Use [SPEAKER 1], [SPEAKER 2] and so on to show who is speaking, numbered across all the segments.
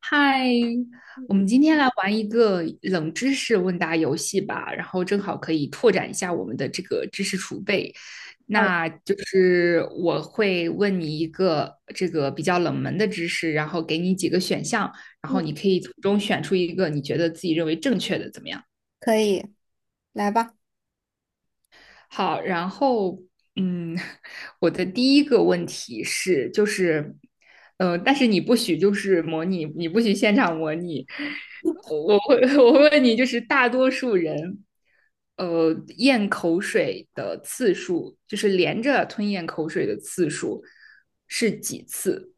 [SPEAKER 1] 嗨，我们
[SPEAKER 2] 嗯，
[SPEAKER 1] 今天来玩一个冷知识问答游戏吧，然后正好可以拓展一下我们的这个知识储备。
[SPEAKER 2] 好，
[SPEAKER 1] 那就是我会问你一个这个比较冷门的知识，然后给你几个选项，然后
[SPEAKER 2] 嗯，
[SPEAKER 1] 你可以从中选出一个你觉得自己认为正确的，怎么样？
[SPEAKER 2] 可以，来吧，
[SPEAKER 1] 好，然后嗯，我的第一个问题是，但是你不许就是模拟，你不许现场模拟。我会问你，就是大多数人，呃，咽口水的次数，就是连着吞咽口水的次数是几次？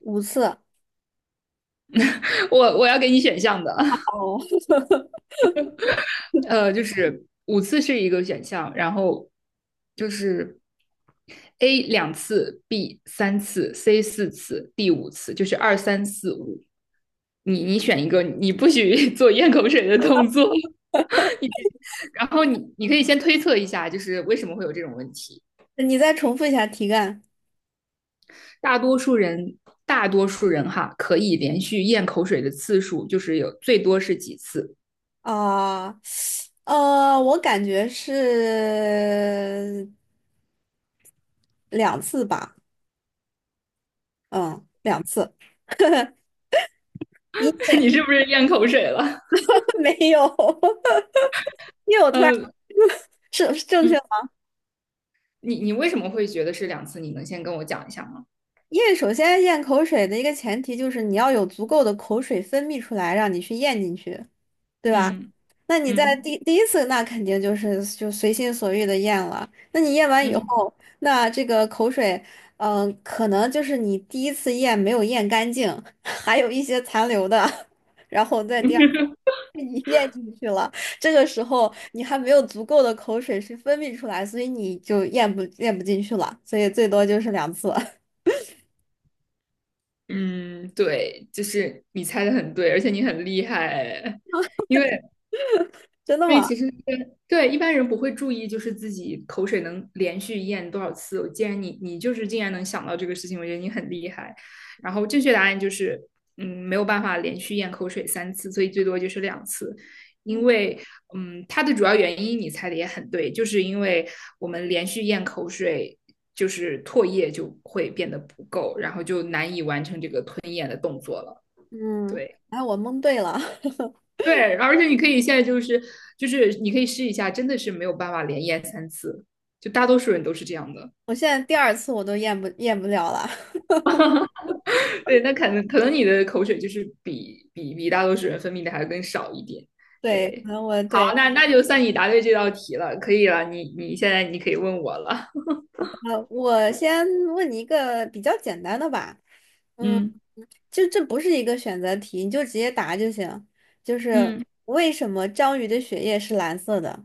[SPEAKER 2] 五次。
[SPEAKER 1] 我要给你选项的。
[SPEAKER 2] 哦，
[SPEAKER 1] 就是五次是一个选项，然后就是 A 两次，B 三次，C 四次，D 五次，就是二三四五。你选一个，你不许 做咽口水的动作。然后你可以先推测一下，就是为什么会有这种问题。
[SPEAKER 2] 你再重复一下题干
[SPEAKER 1] 大多数人，大多数人哈，可以连续咽口水的次数就是有最多是几次？
[SPEAKER 2] 啊，我感觉是两次吧，嗯，两次，因为
[SPEAKER 1] 你是不是咽口水了？
[SPEAKER 2] 没有，因为我突然
[SPEAKER 1] 呃，
[SPEAKER 2] 是正确
[SPEAKER 1] 嗯，
[SPEAKER 2] 吗？
[SPEAKER 1] 你为什么会觉得是两次？你能先跟我讲一下吗？
[SPEAKER 2] 因为首先咽口水的一个前提就是你要有足够的口水分泌出来，让你去咽进去。对吧？
[SPEAKER 1] 嗯
[SPEAKER 2] 那你在
[SPEAKER 1] 嗯
[SPEAKER 2] 第一次，那肯定就是就随心所欲的咽了。那你咽完以
[SPEAKER 1] 嗯
[SPEAKER 2] 后，那这个口水，可能就是你第一次咽没有咽干净，还有一些残留的，然后在第二 次你 咽进去了。这个时候你还没有足够的口水去分泌出来，所以你就咽不进去了。所以最多就是两次，
[SPEAKER 1] 嗯，对，就是你猜的很对，而且你很厉害，因为
[SPEAKER 2] 真的
[SPEAKER 1] 因为
[SPEAKER 2] 吗？
[SPEAKER 1] 其实对一般人不会注意，就是自己口水能连续咽多少次。我既然你就是竟然能想到这个事情，我觉得你很厉害。然后正确答案就是，没有办法连续咽口水三次，所以最多就是两次。因为它的主要原因你猜的也很对，就是因为我们连续咽口水，就是唾液就会变得不够，然后就难以完成这个吞咽的动作了。
[SPEAKER 2] 嗯，
[SPEAKER 1] 对。
[SPEAKER 2] 哎，我蒙对了，
[SPEAKER 1] 对，而且你可以现在就是你可以试一下，真的是没有办法连咽三次，就大多数人都是这样的。
[SPEAKER 2] 我现在第二次我都咽不了了。
[SPEAKER 1] 对，那可能你的口水就是比大多数人分泌的还更少一点。
[SPEAKER 2] 对，可
[SPEAKER 1] 对，
[SPEAKER 2] 能我
[SPEAKER 1] 好，
[SPEAKER 2] 对。
[SPEAKER 1] 那就算你答对这道题了，可以了，你现在你可以问我了。
[SPEAKER 2] 我先问你一个比较简单的吧，嗯，
[SPEAKER 1] 嗯
[SPEAKER 2] 就这不是一个选择题，你就直接答就行。就是
[SPEAKER 1] 嗯，
[SPEAKER 2] 为什么章鱼的血液是蓝色的？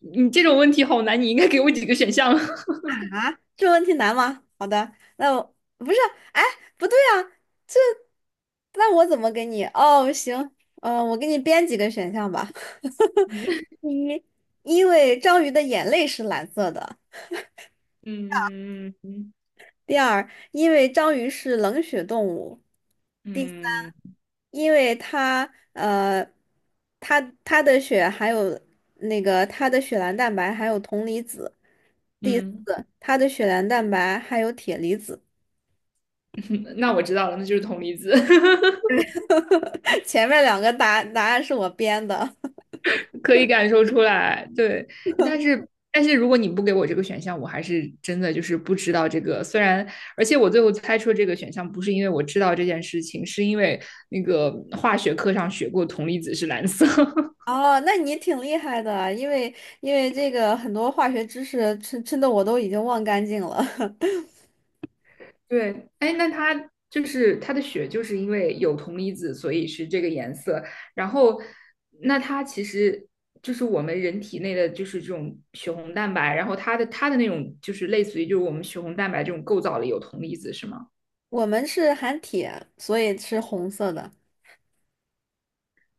[SPEAKER 1] 你这种问题好难，你应该给我几个选项。
[SPEAKER 2] 啊，这问题难吗？好的，那我不是，哎，不对啊，这那我怎么给你？哦，行，我给你编几个选项吧。
[SPEAKER 1] 嗯
[SPEAKER 2] 第一，因为章鱼的眼泪是蓝色的；
[SPEAKER 1] 嗯嗯
[SPEAKER 2] 第二，因为章鱼是冷血动物；第三，
[SPEAKER 1] 嗯
[SPEAKER 2] 因为它呃，它的血含有那个它的血蓝蛋白含有铜离子；第四，
[SPEAKER 1] 嗯，
[SPEAKER 2] 它的血蓝蛋白含有铁离子。
[SPEAKER 1] 那我知道了，那就是铜离子。
[SPEAKER 2] 前面两个答案是我编的。
[SPEAKER 1] 可以感受出来，对。但是如果你不给我这个选项，我还是真的就是不知道这个。虽然，而且我最后猜出这个选项不是因为我知道这件事情，是因为那个化学课上学过铜离子是蓝色。
[SPEAKER 2] 哦，那你挺厉害的啊，因为因为这个很多化学知识真的我都已经忘干净了。
[SPEAKER 1] 对，哎，那它就是它的血就是因为有铜离子，所以是这个颜色。然后，那它其实。就是我们人体内的就是这种血红蛋白，然后它的那种就是类似于就是我们血红蛋白这种构造里有铜离子是吗？
[SPEAKER 2] 我们是含铁，所以是红色的。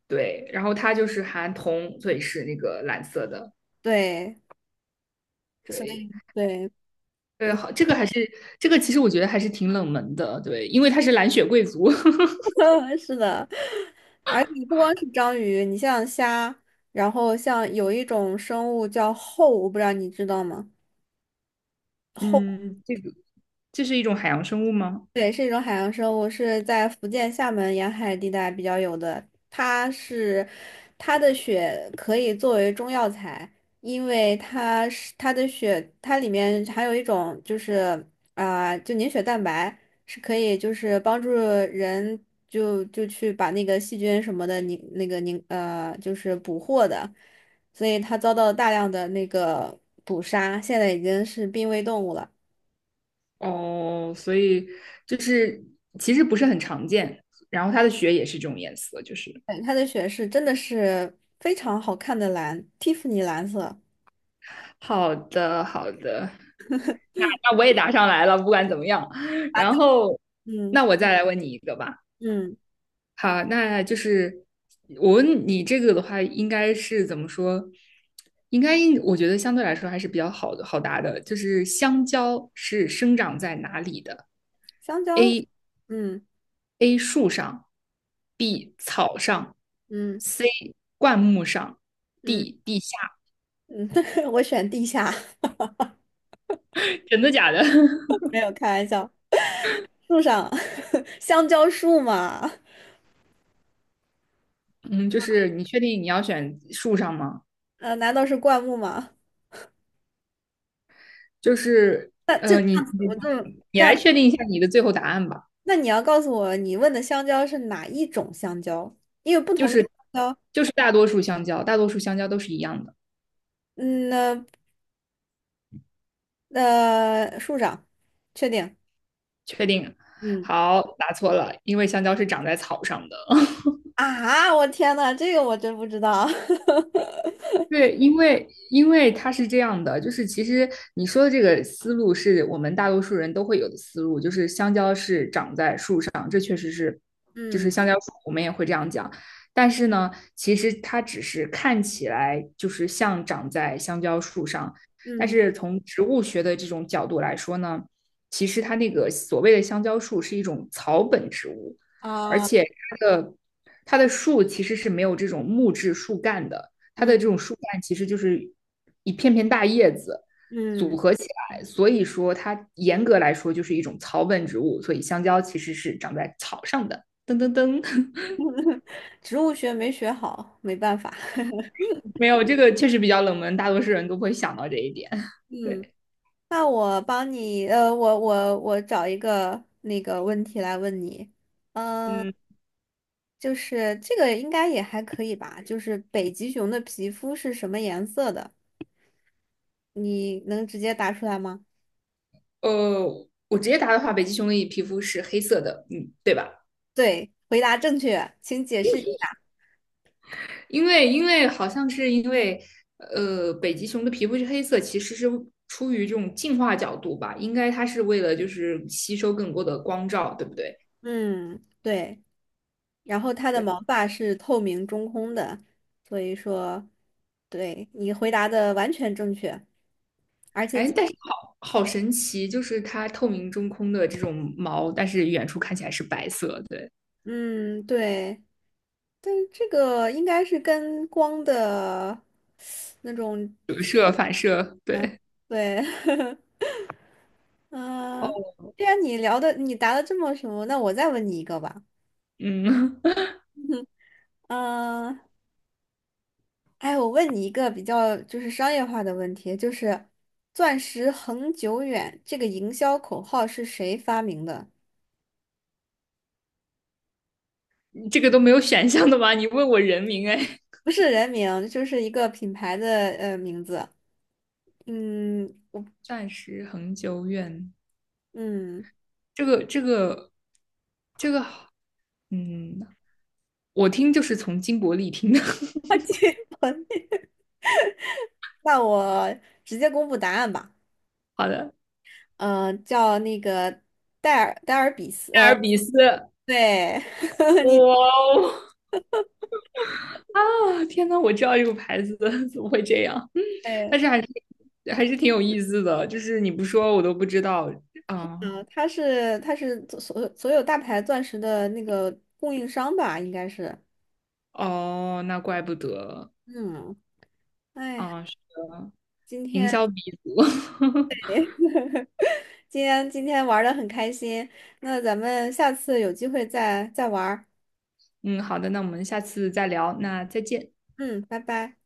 [SPEAKER 1] 对，然后它就是含铜，所以是那个蓝色的。
[SPEAKER 2] 对，所
[SPEAKER 1] 对，
[SPEAKER 2] 以对。
[SPEAKER 1] 对，好，这个还是这个，其实我觉得还是挺冷门的。对，因为它是蓝血贵族。
[SPEAKER 2] 是的，而且不光是章鱼，你像虾，然后像有一种生物叫后，我不知道你知道吗？
[SPEAKER 1] 嗯，这个这是一种海洋生物吗？
[SPEAKER 2] 对，是一种海洋生物，是在福建厦门沿海地带比较有的。它是，它的血可以作为中药材，因为它是它的血，它里面含有一种就是就凝血蛋白，是可以就是帮助人就去把那个细菌什么的凝那个凝就是捕获的，所以它遭到大量的那个捕杀，现在已经是濒危动物了。
[SPEAKER 1] 哦，所以就是其实不是很常见。然后它的血也是这种颜色，就是
[SPEAKER 2] 对，它的雪是真的是非常好看的蓝，蒂芙尼蓝色。
[SPEAKER 1] 好的，好的。那那我也答上来了，不管怎么样。
[SPEAKER 2] 麻豆，
[SPEAKER 1] 然后
[SPEAKER 2] 嗯
[SPEAKER 1] 那我再来问你一个吧。
[SPEAKER 2] 嗯，
[SPEAKER 1] 好，那就是我问你这个的话，应该是怎么说？应该应我觉得相对来说还是比较好的好答的，就是香蕉是生长在哪里的
[SPEAKER 2] 香蕉，嗯
[SPEAKER 1] ？A 树上，B 草上
[SPEAKER 2] 嗯
[SPEAKER 1] ，C 灌木上
[SPEAKER 2] 嗯
[SPEAKER 1] ，D 地下。
[SPEAKER 2] 嗯，我选地下，
[SPEAKER 1] 真的假的？
[SPEAKER 2] 没有开玩笑。树上，香蕉树嘛，
[SPEAKER 1] 嗯，就是你确定你要选树上吗？
[SPEAKER 2] 呃，难道是灌木吗？
[SPEAKER 1] 就是呃，你你
[SPEAKER 2] 我就，
[SPEAKER 1] 你来确定一下你的最后答案吧。
[SPEAKER 2] 那你要告诉我，你问的香蕉是哪一种香蕉？因为不
[SPEAKER 1] 就
[SPEAKER 2] 同的
[SPEAKER 1] 是
[SPEAKER 2] 香蕉，
[SPEAKER 1] 就是大多数香蕉，大多数香蕉都是一样的。
[SPEAKER 2] 嗯，那树上，确定，
[SPEAKER 1] 确定。
[SPEAKER 2] 嗯
[SPEAKER 1] 好，答错了，因为香蕉是长在草上的。
[SPEAKER 2] 啊，我天呐，这个我真不知道，
[SPEAKER 1] 对，因为它是这样的，就是其实你说的这个思路是我们大多数人都会有的思路，就是香蕉是长在树上，这确实是，就是
[SPEAKER 2] 嗯。
[SPEAKER 1] 香蕉树，我们也会这样讲。但是呢，其实它只是看起来就是像长在香蕉树上，但
[SPEAKER 2] 嗯
[SPEAKER 1] 是从植物学的这种角度来说呢，其实它那个所谓的香蕉树是一种草本植物，而
[SPEAKER 2] 啊，
[SPEAKER 1] 且它的它的树其实是没有这种木质树干的。它的
[SPEAKER 2] 嗯
[SPEAKER 1] 这种树干其实就是一片片大叶子组
[SPEAKER 2] 嗯，
[SPEAKER 1] 合起来，所以说它严格来说就是一种草本植物，所以香蕉其实是长在草上的。噔噔噔，
[SPEAKER 2] 植物学没学好，没办法。
[SPEAKER 1] 没有这个确实比较冷门，大多数人都不会想到这一点。
[SPEAKER 2] 嗯，
[SPEAKER 1] 对，
[SPEAKER 2] 那我帮你，我找一个那个问题来问你，嗯、
[SPEAKER 1] 嗯，
[SPEAKER 2] 就是这个应该也还可以吧？就是北极熊的皮肤是什么颜色的？你能直接答出来吗？
[SPEAKER 1] 呃，我直接答的话，北极熊的皮肤是黑色的，嗯，对吧？
[SPEAKER 2] 对，回答正确，请解释一下。
[SPEAKER 1] 因为好像是因为北极熊的皮肤是黑色，其实是出于这种进化角度吧，应该它是为了就是吸收更多的光照，对不对？
[SPEAKER 2] 嗯，对。然后它的
[SPEAKER 1] 对，
[SPEAKER 2] 毛发是透明中空的，所以说，对，你回答的完全正确。
[SPEAKER 1] 哎，但是好好神奇，就是它透明中空的这种毛，但是远处看起来是白色，对，
[SPEAKER 2] 嗯，对，但是这个应该是跟光的那种，
[SPEAKER 1] 折射反射，对，
[SPEAKER 2] 对，
[SPEAKER 1] 哦，
[SPEAKER 2] 嗯、既然你聊的你答的这么什么，那我再问你一个吧。
[SPEAKER 1] 嗯，
[SPEAKER 2] 嗯、哎，我问你一个比较就是商业化的问题，就是“钻石恒久远”这个营销口号是谁发明的？
[SPEAKER 1] 这个都没有选项的吗？你问我人名，哎，
[SPEAKER 2] 不是人名，就是一个品牌的名字。嗯
[SPEAKER 1] 暂时恒久远，
[SPEAKER 2] 嗯，
[SPEAKER 1] 这个这个这个嗯，我听就是从金伯利听的。
[SPEAKER 2] 那我直接公布答案吧。
[SPEAKER 1] 好的，
[SPEAKER 2] 叫那个戴尔比斯。
[SPEAKER 1] 艾
[SPEAKER 2] 呃，
[SPEAKER 1] 尔比斯，
[SPEAKER 2] 对，
[SPEAKER 1] 哇
[SPEAKER 2] 你
[SPEAKER 1] 哦，啊，天呐，我知道这个牌子的，怎么会这样？嗯
[SPEAKER 2] 对，
[SPEAKER 1] 但是还是挺有意思的，就是你不说我都不知道啊。
[SPEAKER 2] 嗯、他是他是所有大牌钻石的那个供应商吧，应该是。
[SPEAKER 1] 哦，那怪不得
[SPEAKER 2] 嗯，哎，
[SPEAKER 1] 啊，是的，
[SPEAKER 2] 今
[SPEAKER 1] 营
[SPEAKER 2] 天
[SPEAKER 1] 销鼻祖。
[SPEAKER 2] 今天玩的很开心，那咱们下次有机会再再玩儿
[SPEAKER 1] 嗯，好的，那我们下次再聊，那再见。
[SPEAKER 2] 嗯，拜拜。